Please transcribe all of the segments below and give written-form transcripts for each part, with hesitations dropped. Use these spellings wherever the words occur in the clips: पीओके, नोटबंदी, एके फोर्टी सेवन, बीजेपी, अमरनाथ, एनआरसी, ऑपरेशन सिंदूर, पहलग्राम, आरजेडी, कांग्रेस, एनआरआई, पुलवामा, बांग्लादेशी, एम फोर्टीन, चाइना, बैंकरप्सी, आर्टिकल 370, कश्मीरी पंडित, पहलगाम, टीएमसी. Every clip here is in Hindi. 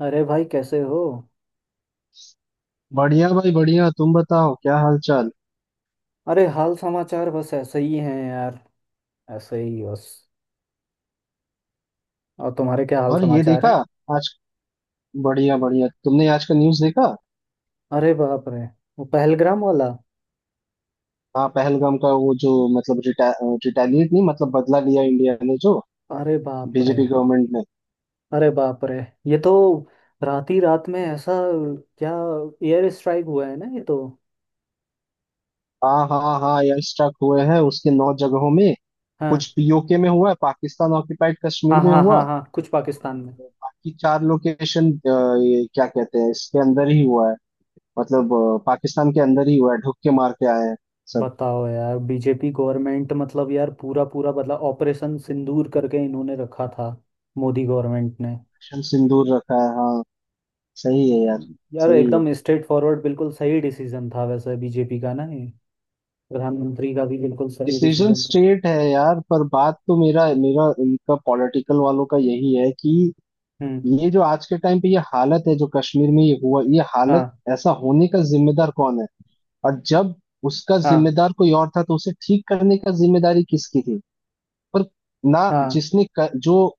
अरे भाई कैसे हो। बढ़िया भाई बढ़िया। तुम बताओ, क्या हाल चाल? अरे हाल समाचार बस ऐसे ही हैं यार। ऐसे ही बस। और तुम्हारे क्या हाल और ये समाचार देखा हैं? आज। बढ़िया बढ़िया, तुमने आज का न्यूज़ देखा? अरे बाप रे, वो पहलग्राम वाला। हाँ, पहलगाम का वो जो मतलब रिटेलिएट नहीं, मतलब बदला लिया इंडिया ने, जो अरे बाप रे। बीजेपी गवर्नमेंट ने। अरे बाप रे, ये तो रात ही रात में ऐसा क्या एयर स्ट्राइक हुआ है ना, ये तो। हाँ हाँ हाँ, एयर स्ट्राइक हुए हैं उसके नौ जगहों में। कुछ हाँ, पीओके में हुआ है, पाकिस्तान ऑक्यूपाइड कश्मीर हाँ, में हाँ, हुआ। हाँ, हाँ, कुछ पाकिस्तान में। बाकी चार लोकेशन, ये क्या कहते हैं, इसके अंदर ही हुआ है। मतलब पाकिस्तान के अंदर ही हुआ है, ढुक के मार के आए हैं सब। बताओ यार, बीजेपी गवर्नमेंट मतलब यार, पूरा पूरा बदला ऑपरेशन सिंदूर करके इन्होंने रखा था, मोदी गवर्नमेंट ने। मिशन सिंदूर रखा है, हाँ। सही है यार। यार सही है। एकदम स्ट्रेट फॉरवर्ड बिल्कुल सही डिसीजन था वैसे बीजेपी का ना, ये प्रधानमंत्री का भी बिल्कुल सही डिसीजन डिसीजन था। स्ट्रेट है यार, पर बात तो मेरा मेरा इनका पॉलिटिकल वालों का यही है कि हम्म। ये जो आज के टाइम पे ये हालत है, जो कश्मीर में ये हुआ, ये हालत हाँ, ऐसा होने का जिम्मेदार कौन है? और जब उसका हाँ, जिम्मेदार कोई और था, तो उसे ठीक करने का जिम्मेदारी किसकी थी? पर ना, हाँ, जिसने क, जो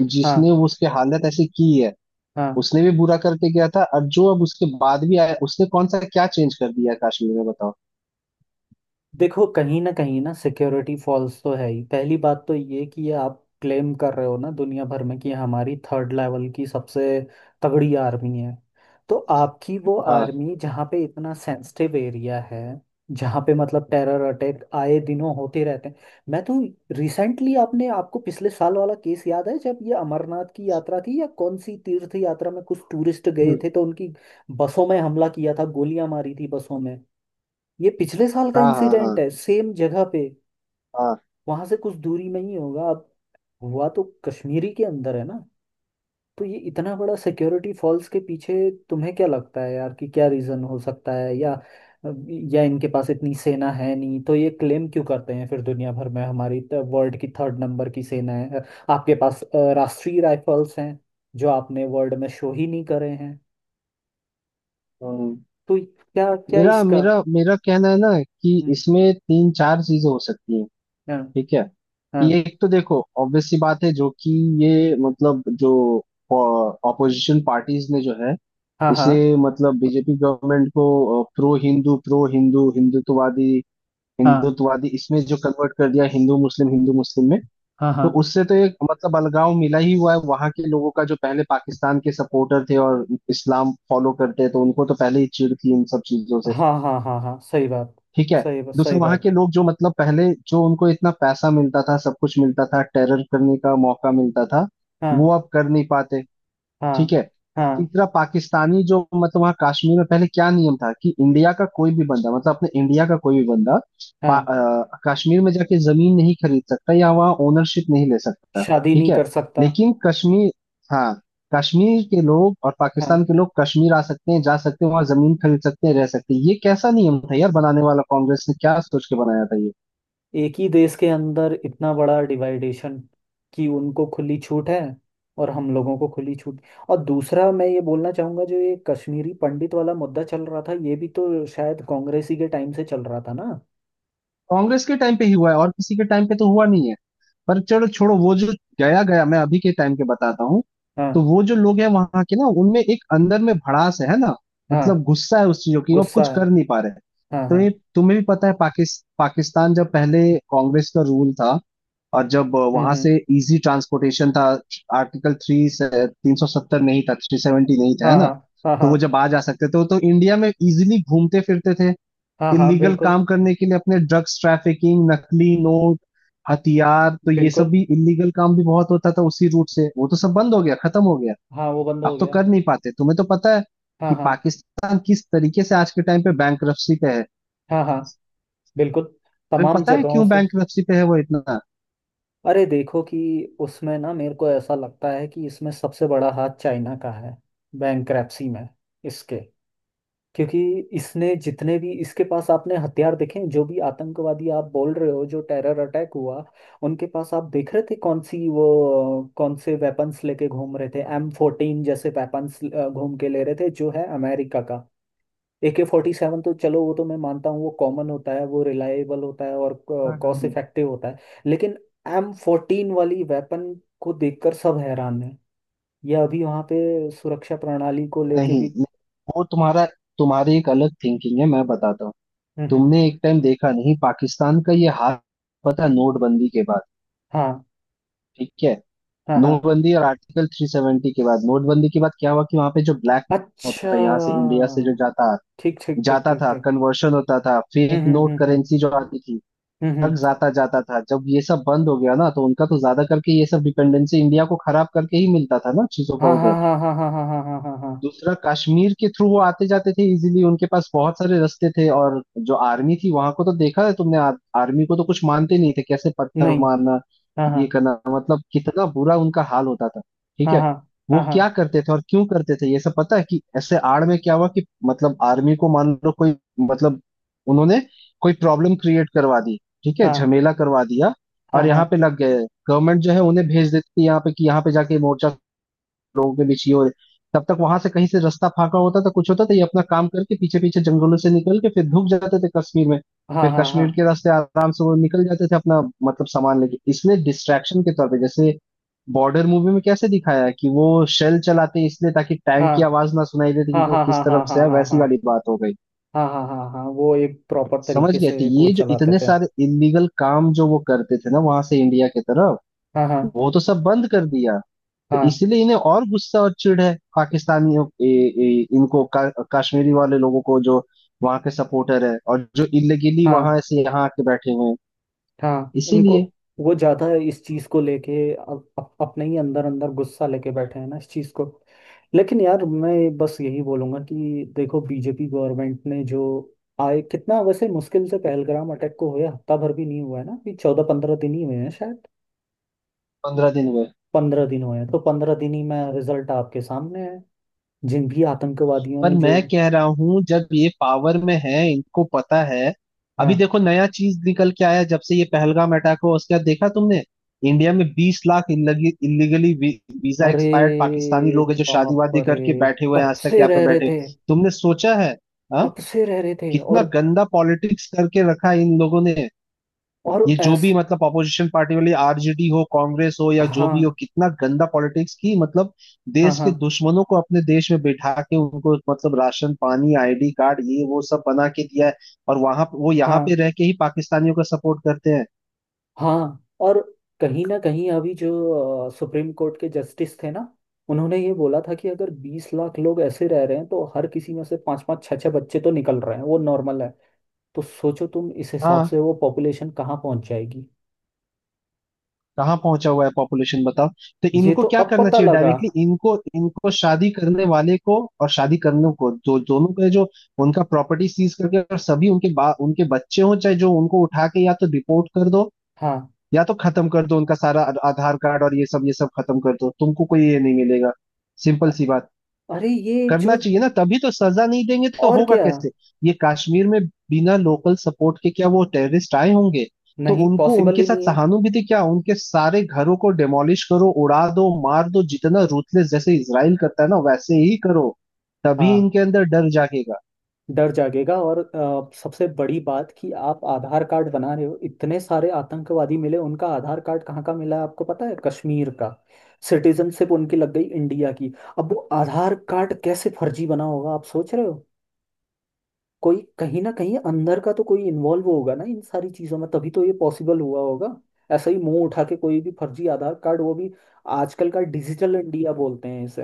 जिसने हाँ, उसके हालत ऐसी की है हाँ। उसने भी बुरा करके गया था, और जो अब उसके बाद भी आया उसने कौन सा क्या चेंज कर दिया है कश्मीर में, बताओ। देखो, कहीं ना सिक्योरिटी फॉल्स तो है ही। पहली बात तो ये कि ये आप क्लेम कर रहे हो ना दुनिया भर में कि हमारी थर्ड लेवल की सबसे तगड़ी आर्मी है। तो आपकी वो हाँ। आर्मी, जहाँ पे इतना सेंसिटिव एरिया है, जहाँ पे मतलब टेरर अटैक आए दिनों होते रहते हैं। मैं तो रिसेंटली, आपने आपको पिछले साल वाला केस याद है, जब ये अमरनाथ की यात्रा थी या कौन सी तीर्थ यात्रा में कुछ टूरिस्ट गए हम्म। थे तो उनकी बसों में हमला किया था, गोलियां मारी थी बसों में। ये पिछले साल का हाँ हाँ हाँ इंसिडेंट है, सेम जगह पे। हाँ। वहां से कुछ दूरी में ही होगा। अब हुआ तो कश्मीरी के अंदर है ना। तो ये इतना बड़ा सिक्योरिटी फॉल्स के पीछे तुम्हें क्या लगता है यार, कि क्या रीजन हो सकता है, या इनके पास इतनी सेना है नहीं, तो ये क्लेम क्यों करते हैं फिर दुनिया भर में हमारी वर्ल्ड की थर्ड नंबर की सेना है। आपके पास राष्ट्रीय राइफल्स हैं, जो आपने वर्ल्ड में शो ही नहीं करे हैं। हम्म। तो क्या क्या मेरा इसका? मेरा मेरा कहना है ना कि हम्म, इसमें तीन चार चीजें हो सकती हैं। हाँ, ठीक है। हाँ, कि एक तो देखो ऑब्वियस सी बात है, जो कि ये मतलब जो ऑपोजिशन पार्टीज ने जो है हाँ, हाँ, इसे मतलब बीजेपी गवर्नमेंट को प्रो हिंदू हिंदुत्ववादी हाँ, हिंदुत्ववादी इसमें जो कन्वर्ट कर दिया, हिंदू मुस्लिम में। हाँ, तो हाँ, उससे तो एक मतलब अलगाव मिला ही हुआ है वहां के लोगों का, जो पहले पाकिस्तान के सपोर्टर थे और इस्लाम फॉलो करते हैं, तो उनको तो पहले ही चिढ़ थी इन सब चीजों से। हाँ, हाँ, हाँ, हाँ, सही बात, ठीक है। सही बात, दूसरा, सही वहां के बात। लोग जो मतलब पहले जो उनको इतना पैसा मिलता था, सब कुछ मिलता था, टेरर करने का मौका मिलता था, हाँ, वो अब कर नहीं पाते। ठीक हाँ, है। हाँ, तीसरा, पाकिस्तानी जो मतलब वहाँ कश्मीर में पहले क्या नियम था कि इंडिया का कोई भी बंदा, मतलब अपने इंडिया का कोई भी बंदा हाँ, कश्मीर में जाके जमीन नहीं खरीद सकता या वहाँ ओनरशिप नहीं ले सकता। शादी ठीक नहीं है। कर सकता। लेकिन कश्मीर। हाँ। कश्मीर के लोग और हाँ, पाकिस्तान के लोग कश्मीर आ सकते हैं, जा सकते हैं, वहाँ जमीन खरीद सकते हैं, रह सकते हैं। ये कैसा नियम था यार बनाने वाला, कांग्रेस ने क्या सोच के बनाया था ये? एक ही देश के अंदर इतना बड़ा डिवाइडेशन, कि उनको खुली छूट है, और हम लोगों को खुली छूट। और दूसरा मैं ये बोलना चाहूंगा, जो ये कश्मीरी पंडित वाला मुद्दा चल रहा था, ये भी तो शायद कांग्रेस ही के टाइम से चल रहा था ना। कांग्रेस के टाइम पे ही हुआ है, और किसी के टाइम पे तो हुआ नहीं है। पर चलो छोड़ो, वो जो गया गया। मैं अभी के टाइम के बताता हूँ। तो हाँ, वो जो लोग हैं वहां के ना, उनमें एक अंदर में भड़ास है ना? हाँ, मतलब गुस्सा है उस चीजों की, वो अब गुस्सा कुछ है। कर नहीं पा रहे। हाँ, तो हाँ। ये तुम्हें भी पता है, पाकिस्तान जब पहले कांग्रेस का रूल था, और जब हम्म, वहां हम्म, से इजी ट्रांसपोर्टेशन था, आर्टिकल थ्री, 370 नहीं था, थ्री सेवेंटी नहीं था, है हाँ, ना? हाँ, हाँ, तो हाँ, वो जब आ जा सकते थे तो इंडिया में इजीली घूमते फिरते थे हाँ, हाँ, इलीगल बिल्कुल, काम करने के लिए, अपने ड्रग्स ट्रैफिकिंग नकली नोट हथियार, तो ये सब बिल्कुल। भी इलीगल काम भी बहुत होता था उसी रूट से। वो तो सब बंद हो गया, खत्म हो गया। हाँ, वो बंद हो अब तो गया। कर नहीं पाते। तुम्हें तो पता है हाँ, कि हाँ, पाकिस्तान किस तरीके से आज के टाइम पे बैंकरप्सी पे है। हाँ, हाँ, बिल्कुल। तुम्हें तमाम पता है जगहों क्यों से। बैंकरप्सी पे है वो इतना? अरे देखो कि उसमें ना मेरे को ऐसा लगता है कि इसमें सबसे बड़ा हाथ चाइना का है, बैंकरप्सी में इसके। क्योंकि इसने जितने भी, इसके पास आपने हथियार देखे हैं, जो भी आतंकवादी आप बोल रहे हो, जो टेरर अटैक हुआ, उनके पास आप देख रहे थे कौन सी वो कौन से वेपन्स लेके घूम रहे थे, M14 जैसे वेपन्स घूम के ले रहे थे जो है अमेरिका का। AK-47 तो चलो वो तो मैं मानता हूँ, वो कॉमन होता है, वो रिलायबल होता है, और हम्म हम्म, कॉस्ट हम्म। इफेक्टिव होता है। लेकिन M14 वाली वेपन को देखकर सब हैरान है। यह अभी वहाँ पे सुरक्षा प्रणाली को लेके नहीं भी। नहीं, वो तुम्हारा तुम्हारी एक अलग थिंकिंग है, मैं बताता हूँ। हम्म, तुमने एक टाइम देखा नहीं पाकिस्तान का ये हाल? पता है, नोटबंदी के बाद। हाँ, ठीक है। हाँ, हाँ, नोटबंदी और आर्टिकल 370 के बाद, नोटबंदी के बाद क्या हुआ कि वहां पे जो ब्लैक होता अच्छा, था यहाँ से इंडिया से, जो जाता ठीक, ठीक, ठीक, जाता ठीक, था, ठीक। कन्वर्शन होता था, हम्म, फेक हम्म, नोट हम्म, हम्म, करेंसी जो आती थी हम्म, तक हम्म, जाता जाता था, जब ये सब बंद हो गया ना, तो उनका तो ज्यादा करके ये सब डिपेंडेंसी इंडिया को खराब करके ही मिलता था ना चीजों का हाँ, हाँ, उधर। हाँ, हाँ, हाँ, हाँ, हाँ, हाँ, हाँ, हाँ, दूसरा, कश्मीर के थ्रू वो आते जाते थे इजीली, उनके पास बहुत सारे रास्ते थे। और जो आर्मी थी वहां को तो देखा है तुमने, आर्मी को तो कुछ मानते नहीं थे, कैसे पत्थर नहीं, मारना हाँ, हाँ, ये करना, मतलब कितना बुरा उनका हाल होता था। ठीक हाँ, है। हाँ, वो हाँ, क्या करते थे और क्यों करते थे ये सब पता है कि ऐसे आड़ में क्या हुआ कि मतलब आर्मी को मान लो कोई मतलब उन्होंने कोई प्रॉब्लम क्रिएट करवा दी, ठीक है, हाँ, झमेला करवा दिया, हाँ, और हाँ, यहाँ पे लग गए, गवर्नमेंट जो है उन्हें भेज देती थी यहाँ पे कि यहाँ पे जाके मोर्चा लोगों के बीच ये हो रही, तब तक वहां से कहीं से रास्ता फाका होता था, कुछ होता था, ये अपना काम करके पीछे पीछे जंगलों से निकल के फिर धूप जाते थे कश्मीर में। हाँ, फिर हाँ, हाँ, कश्मीर के रास्ते आराम से वो निकल जाते थे अपना मतलब सामान लेके। इसलिए डिस्ट्रैक्शन के तौर पे, जैसे बॉर्डर मूवी में कैसे दिखाया है कि वो शेल चलाते हैं इसलिए ताकि टैंक की आवाज ना सुनाई देती हाँ, कि वो हाँ, किस हाँ, हाँ, तरफ हाँ, से हाँ, हाँ, है, हाँ, हाँ, हाँ, वैसी वाली हाँ, बात हो गई। हाँ, हाँ, हाँ, हाँ, वो एक प्रॉपर समझ तरीके गए? तो से एक वो ये जो चलाते इतने थे। सारे इलीगल काम जो वो करते थे ना वहां से इंडिया की तरफ, हाँ, हाँ, वो तो सब बंद कर दिया। तो हाँ, इसीलिए इन्हें और गुस्सा और चिढ़ है पाकिस्तानियों, ए, ए, इनको का, कश्मीरी वाले लोगों को जो वहां के सपोर्टर है और जो इलीगली हाँ, वहां से यहाँ आके बैठे हुए हैं। हाँ, उनको इसीलिए। वो ज्यादा इस चीज को लेके, अब अपने ही अंदर अंदर गुस्सा लेके बैठे हैं ना इस चीज को। लेकिन यार मैं बस यही बोलूंगा कि देखो बीजेपी गवर्नमेंट ने जो आए, कितना वैसे मुश्किल से, पहलगाम अटैक को हुए हफ्ता भर भी नहीं हुआ है ना, अभी 14-15 दिन ही हुए हैं शायद। 15 दिन हुए। 15 दिन हुए हैं, तो 15 दिन ही में रिजल्ट आपके सामने है। जिन भी आतंकवादियों पर ने जो, मैं कह रहा हूँ, जब ये पावर में है, इनको पता है। हाँ, अभी देखो नया चीज निकल के आया, जब से ये पहलगाम अटैक हुआ, उसके बाद देखा तुमने, इंडिया में 20 लाख इलीगली वीजा अरे एक्सपायर्ड पाकिस्तानी लोग है जो शादी बाप वादी रे, करके बैठे हुए हैं, कब आज तक से यहाँ पे रह रहे बैठे। थे, तुमने सोचा है? आ? कब से रह रहे थे? कितना और गंदा पॉलिटिक्स करके रखा है इन लोगों ने। और ये जो ऐस भी मतलब अपोजिशन पार्टी वाली आरजेडी हो, कांग्रेस हो, या जो भी हो, हाँ, कितना गंदा पॉलिटिक्स की, मतलब हाँ, देश के हाँ, दुश्मनों को अपने देश में बैठा के उनको मतलब राशन पानी आईडी कार्ड ये वो सब बना के दिया है, और वहां वो यहाँ पे हाँ, रह के ही पाकिस्तानियों का सपोर्ट करते हैं। हाँ, और कहीं ना कहीं अभी जो सुप्रीम कोर्ट के जस्टिस थे ना, उन्होंने ये बोला था कि अगर 20 लाख लोग ऐसे रह रहे हैं तो हर किसी में से पांच पांच छह छह बच्चे तो निकल रहे हैं, वो नॉर्मल है। तो सोचो तुम, इस हिसाब हाँ। से वो पॉपुलेशन कहाँ पहुंच जाएगी? कहाँ पहुंचा हुआ है पॉपुलेशन, बताओ। तो ये इनको तो क्या अब करना पता चाहिए? लगा। डायरेक्टली इनको इनको शादी करने वाले को और शादी करने को जो दोनों का जो उनका प्रॉपर्टी सीज करके, और सभी उनके बा, उनके बच्चे हों चाहे जो, उनको उठा के या तो डिपोर्ट कर दो, हाँ। या तो खत्म कर दो उनका सारा। आधार कार्ड और ये सब, ये सब खत्म कर दो, तुमको कोई ये नहीं मिलेगा। सिंपल सी बात। अरे ये करना जो? चाहिए ना, तभी, तो सजा नहीं देंगे तो और होगा क्या। कैसे? ये कश्मीर में बिना लोकल सपोर्ट के क्या वो टेररिस्ट आए होंगे? तो नहीं, उनको पॉसिबल उनके ही साथ नहीं। सहानुभूति क्या, उनके सारे घरों को डेमोलिश करो, उड़ा दो, मार दो, जितना रूथलेस जैसे इसराइल करता है ना, वैसे ही करो। तभी हाँ, इनके अंदर डर जागेगा। डर जागेगा, और सबसे बड़ी बात, कि आप आधार कार्ड बना रहे हो, इतने सारे आतंकवादी मिले, उनका आधार कार्ड कहाँ का मिला है आपको पता है? कश्मीर का। सिटीजनशिप उनकी लग गई इंडिया की। अब वो आधार कार्ड कैसे फर्जी बना होगा, आप सोच रहे हो। कोई कहीं ना कहीं अंदर का तो कोई इन्वॉल्व होगा ना इन सारी चीजों में, तभी तो ये पॉसिबल हुआ होगा। ऐसा ही मुंह उठा के कोई भी फर्जी आधार कार्ड, वो भी आजकल का डिजिटल इंडिया बोलते हैं इसे।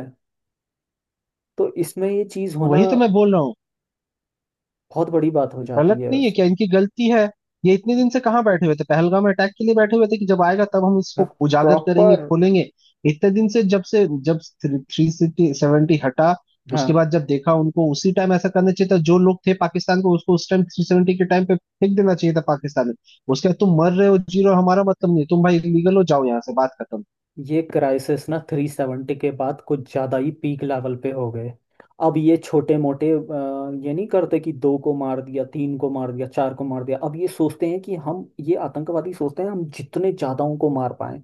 तो इसमें ये चीज तो होना वही तो मैं बोल रहा हूँ। बहुत बड़ी बात हो जाती गलत है। नहीं है क्या? इनकी गलती है। ये इतने दिन से कहाँ बैठे हुए थे? पहलगाम अटैक के लिए बैठे हुए थे कि जब आएगा तब हम हाँ, इसको उजागर करेंगे, प्रॉपर। खोलेंगे? इतने दिन से, जब से, जब 370 हटा हाँ, उसके बाद जब देखा उनको, उसी टाइम ऐसा करना चाहिए था। जो लोग थे पाकिस्तान को, उसको उस टाइम 370 के टाइम पे फेंक देना चाहिए था पाकिस्तान में। उसके बाद तुम मर रहे हो जी रहे हो हमारा मतलब नहीं, तुम भाई इलीगल हो जाओ यहाँ से, बात खत्म। ये क्राइसिस ना 370 के बाद कुछ ज़्यादा ही पीक लेवल पे हो गए। अब ये छोटे मोटे ये नहीं करते कि दो को मार दिया, तीन को मार दिया, चार को मार दिया, अब ये सोचते हैं कि हम, ये आतंकवादी सोचते हैं, हम जितने ज़्यादाओं को मार पाएं।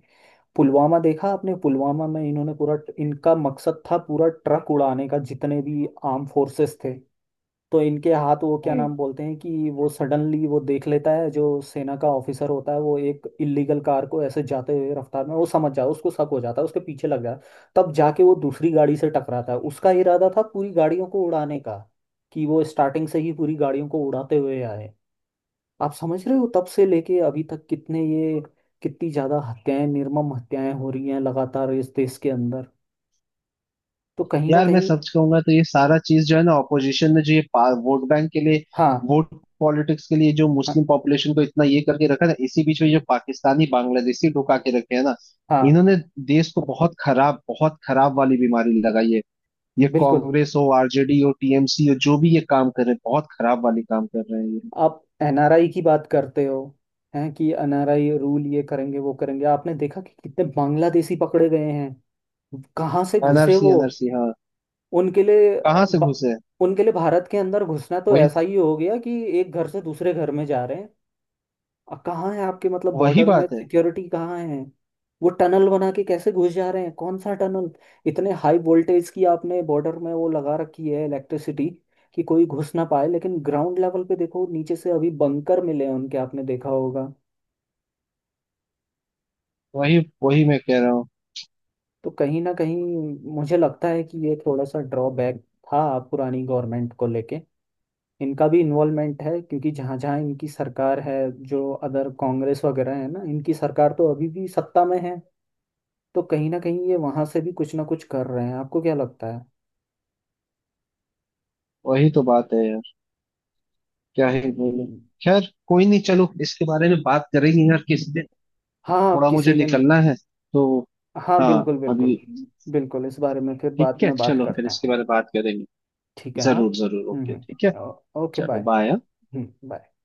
पुलवामा देखा आपने? पुलवामा में इन्होंने पूरा, इनका मकसद था पूरा ट्रक उड़ाने का, जितने भी आर्म फोर्सेस थे। तो इनके हाथ वो क्या हम्म। नाम बोलते हैं, कि वो सडनली वो देख लेता है, जो सेना का ऑफिसर होता है, वो एक इल्लीगल कार को ऐसे जाते हुए रफ्तार में वो समझ जाता है, उसको शक हो जाता है, उसके पीछे लग जाता है, तब जाके वो दूसरी गाड़ी से टकराता है। उसका इरादा था पूरी गाड़ियों को उड़ाने का, कि वो स्टार्टिंग से ही पूरी गाड़ियों को उड़ाते हुए आए। आप समझ रहे हो, तब से लेके अभी तक कितने ये, कितनी ज्यादा हत्याएं, निर्मम हत्याएं हो रही हैं लगातार इस देश के अंदर। तो कहीं ना यार मैं कहीं। सच कहूंगा तो ये सारा चीज जो है ना, ऑपोजिशन ने जो ये वोट बैंक के लिए, हाँ, वोट पॉलिटिक्स के लिए, जो हाँ, मुस्लिम पॉपुलेशन को इतना ये करके रखा ना, इसी बीच में जो पाकिस्तानी बांग्लादेशी ढुका के रखे हैं ना, हाँ, इन्होंने देश को बहुत खराब, बहुत खराब वाली बीमारी लगाई है। ये बिल्कुल। कांग्रेस हो, आरजेडी हो, टीएमसी हो, जो भी ये काम कर रहे हैं, बहुत खराब वाली काम कर रहे हैं ये। आप एनआरआई की बात करते हो, हैं कि एनआरआई रूल ये करेंगे वो करेंगे, आपने देखा कि कितने बांग्लादेशी पकड़े गए हैं, कहाँ से घुसे एनआरसी वो? एनआरसी हाँ। उनके लिए अ, कहाँ से ब- घुसे? उनके लिए भारत के अंदर घुसना तो वही। ऐसा ही हो गया कि एक घर से दूसरे घर में जा रहे। कहाँ है आपके मतलब वही बॉर्डर में बात है। सिक्योरिटी, कहाँ है? वो टनल बना के कैसे घुस जा रहे हैं, कौन सा टनल? इतने हाई वोल्टेज की आपने बॉर्डर में वो लगा रखी है इलेक्ट्रिसिटी, कि कोई घुस ना पाए, लेकिन ग्राउंड लेवल पे देखो, नीचे से अभी बंकर मिले हैं उनके, आपने देखा होगा। वही। वही मैं कह रहा हूँ। तो कहीं ना कहीं मुझे लगता है कि ये थोड़ा सा ड्रॉबैक था पुरानी गवर्नमेंट को लेके, इनका भी इन्वॉल्वमेंट है क्योंकि जहाँ जहाँ इनकी सरकार है, जो अदर कांग्रेस वगैरह है ना, इनकी सरकार तो अभी भी सत्ता में है, तो कहीं ना कहीं ये वहां से भी कुछ ना कुछ कर रहे हैं, आपको क्या लगता है? वही तो बात है। क्या ही बोलूं? हम्म। खैर कोई नहीं, चलो इसके बारे में बात करेंगे यार किसी दिन। हाँ, आप थोड़ा मुझे किसी दिन। निकलना है, तो। हाँ हाँ बिल्कुल, अभी। बिल्कुल। बिल्कुल, इस बारे में फिर बाद ठीक है, में बात चलो फिर करते हैं। इसके बारे में बात करेंगे। ठीक है, हाँ। जरूर जरूर, हम्म, ओके, ठीक है। हम्म, ओके, चलो बाय। बाय। Hmm, bye.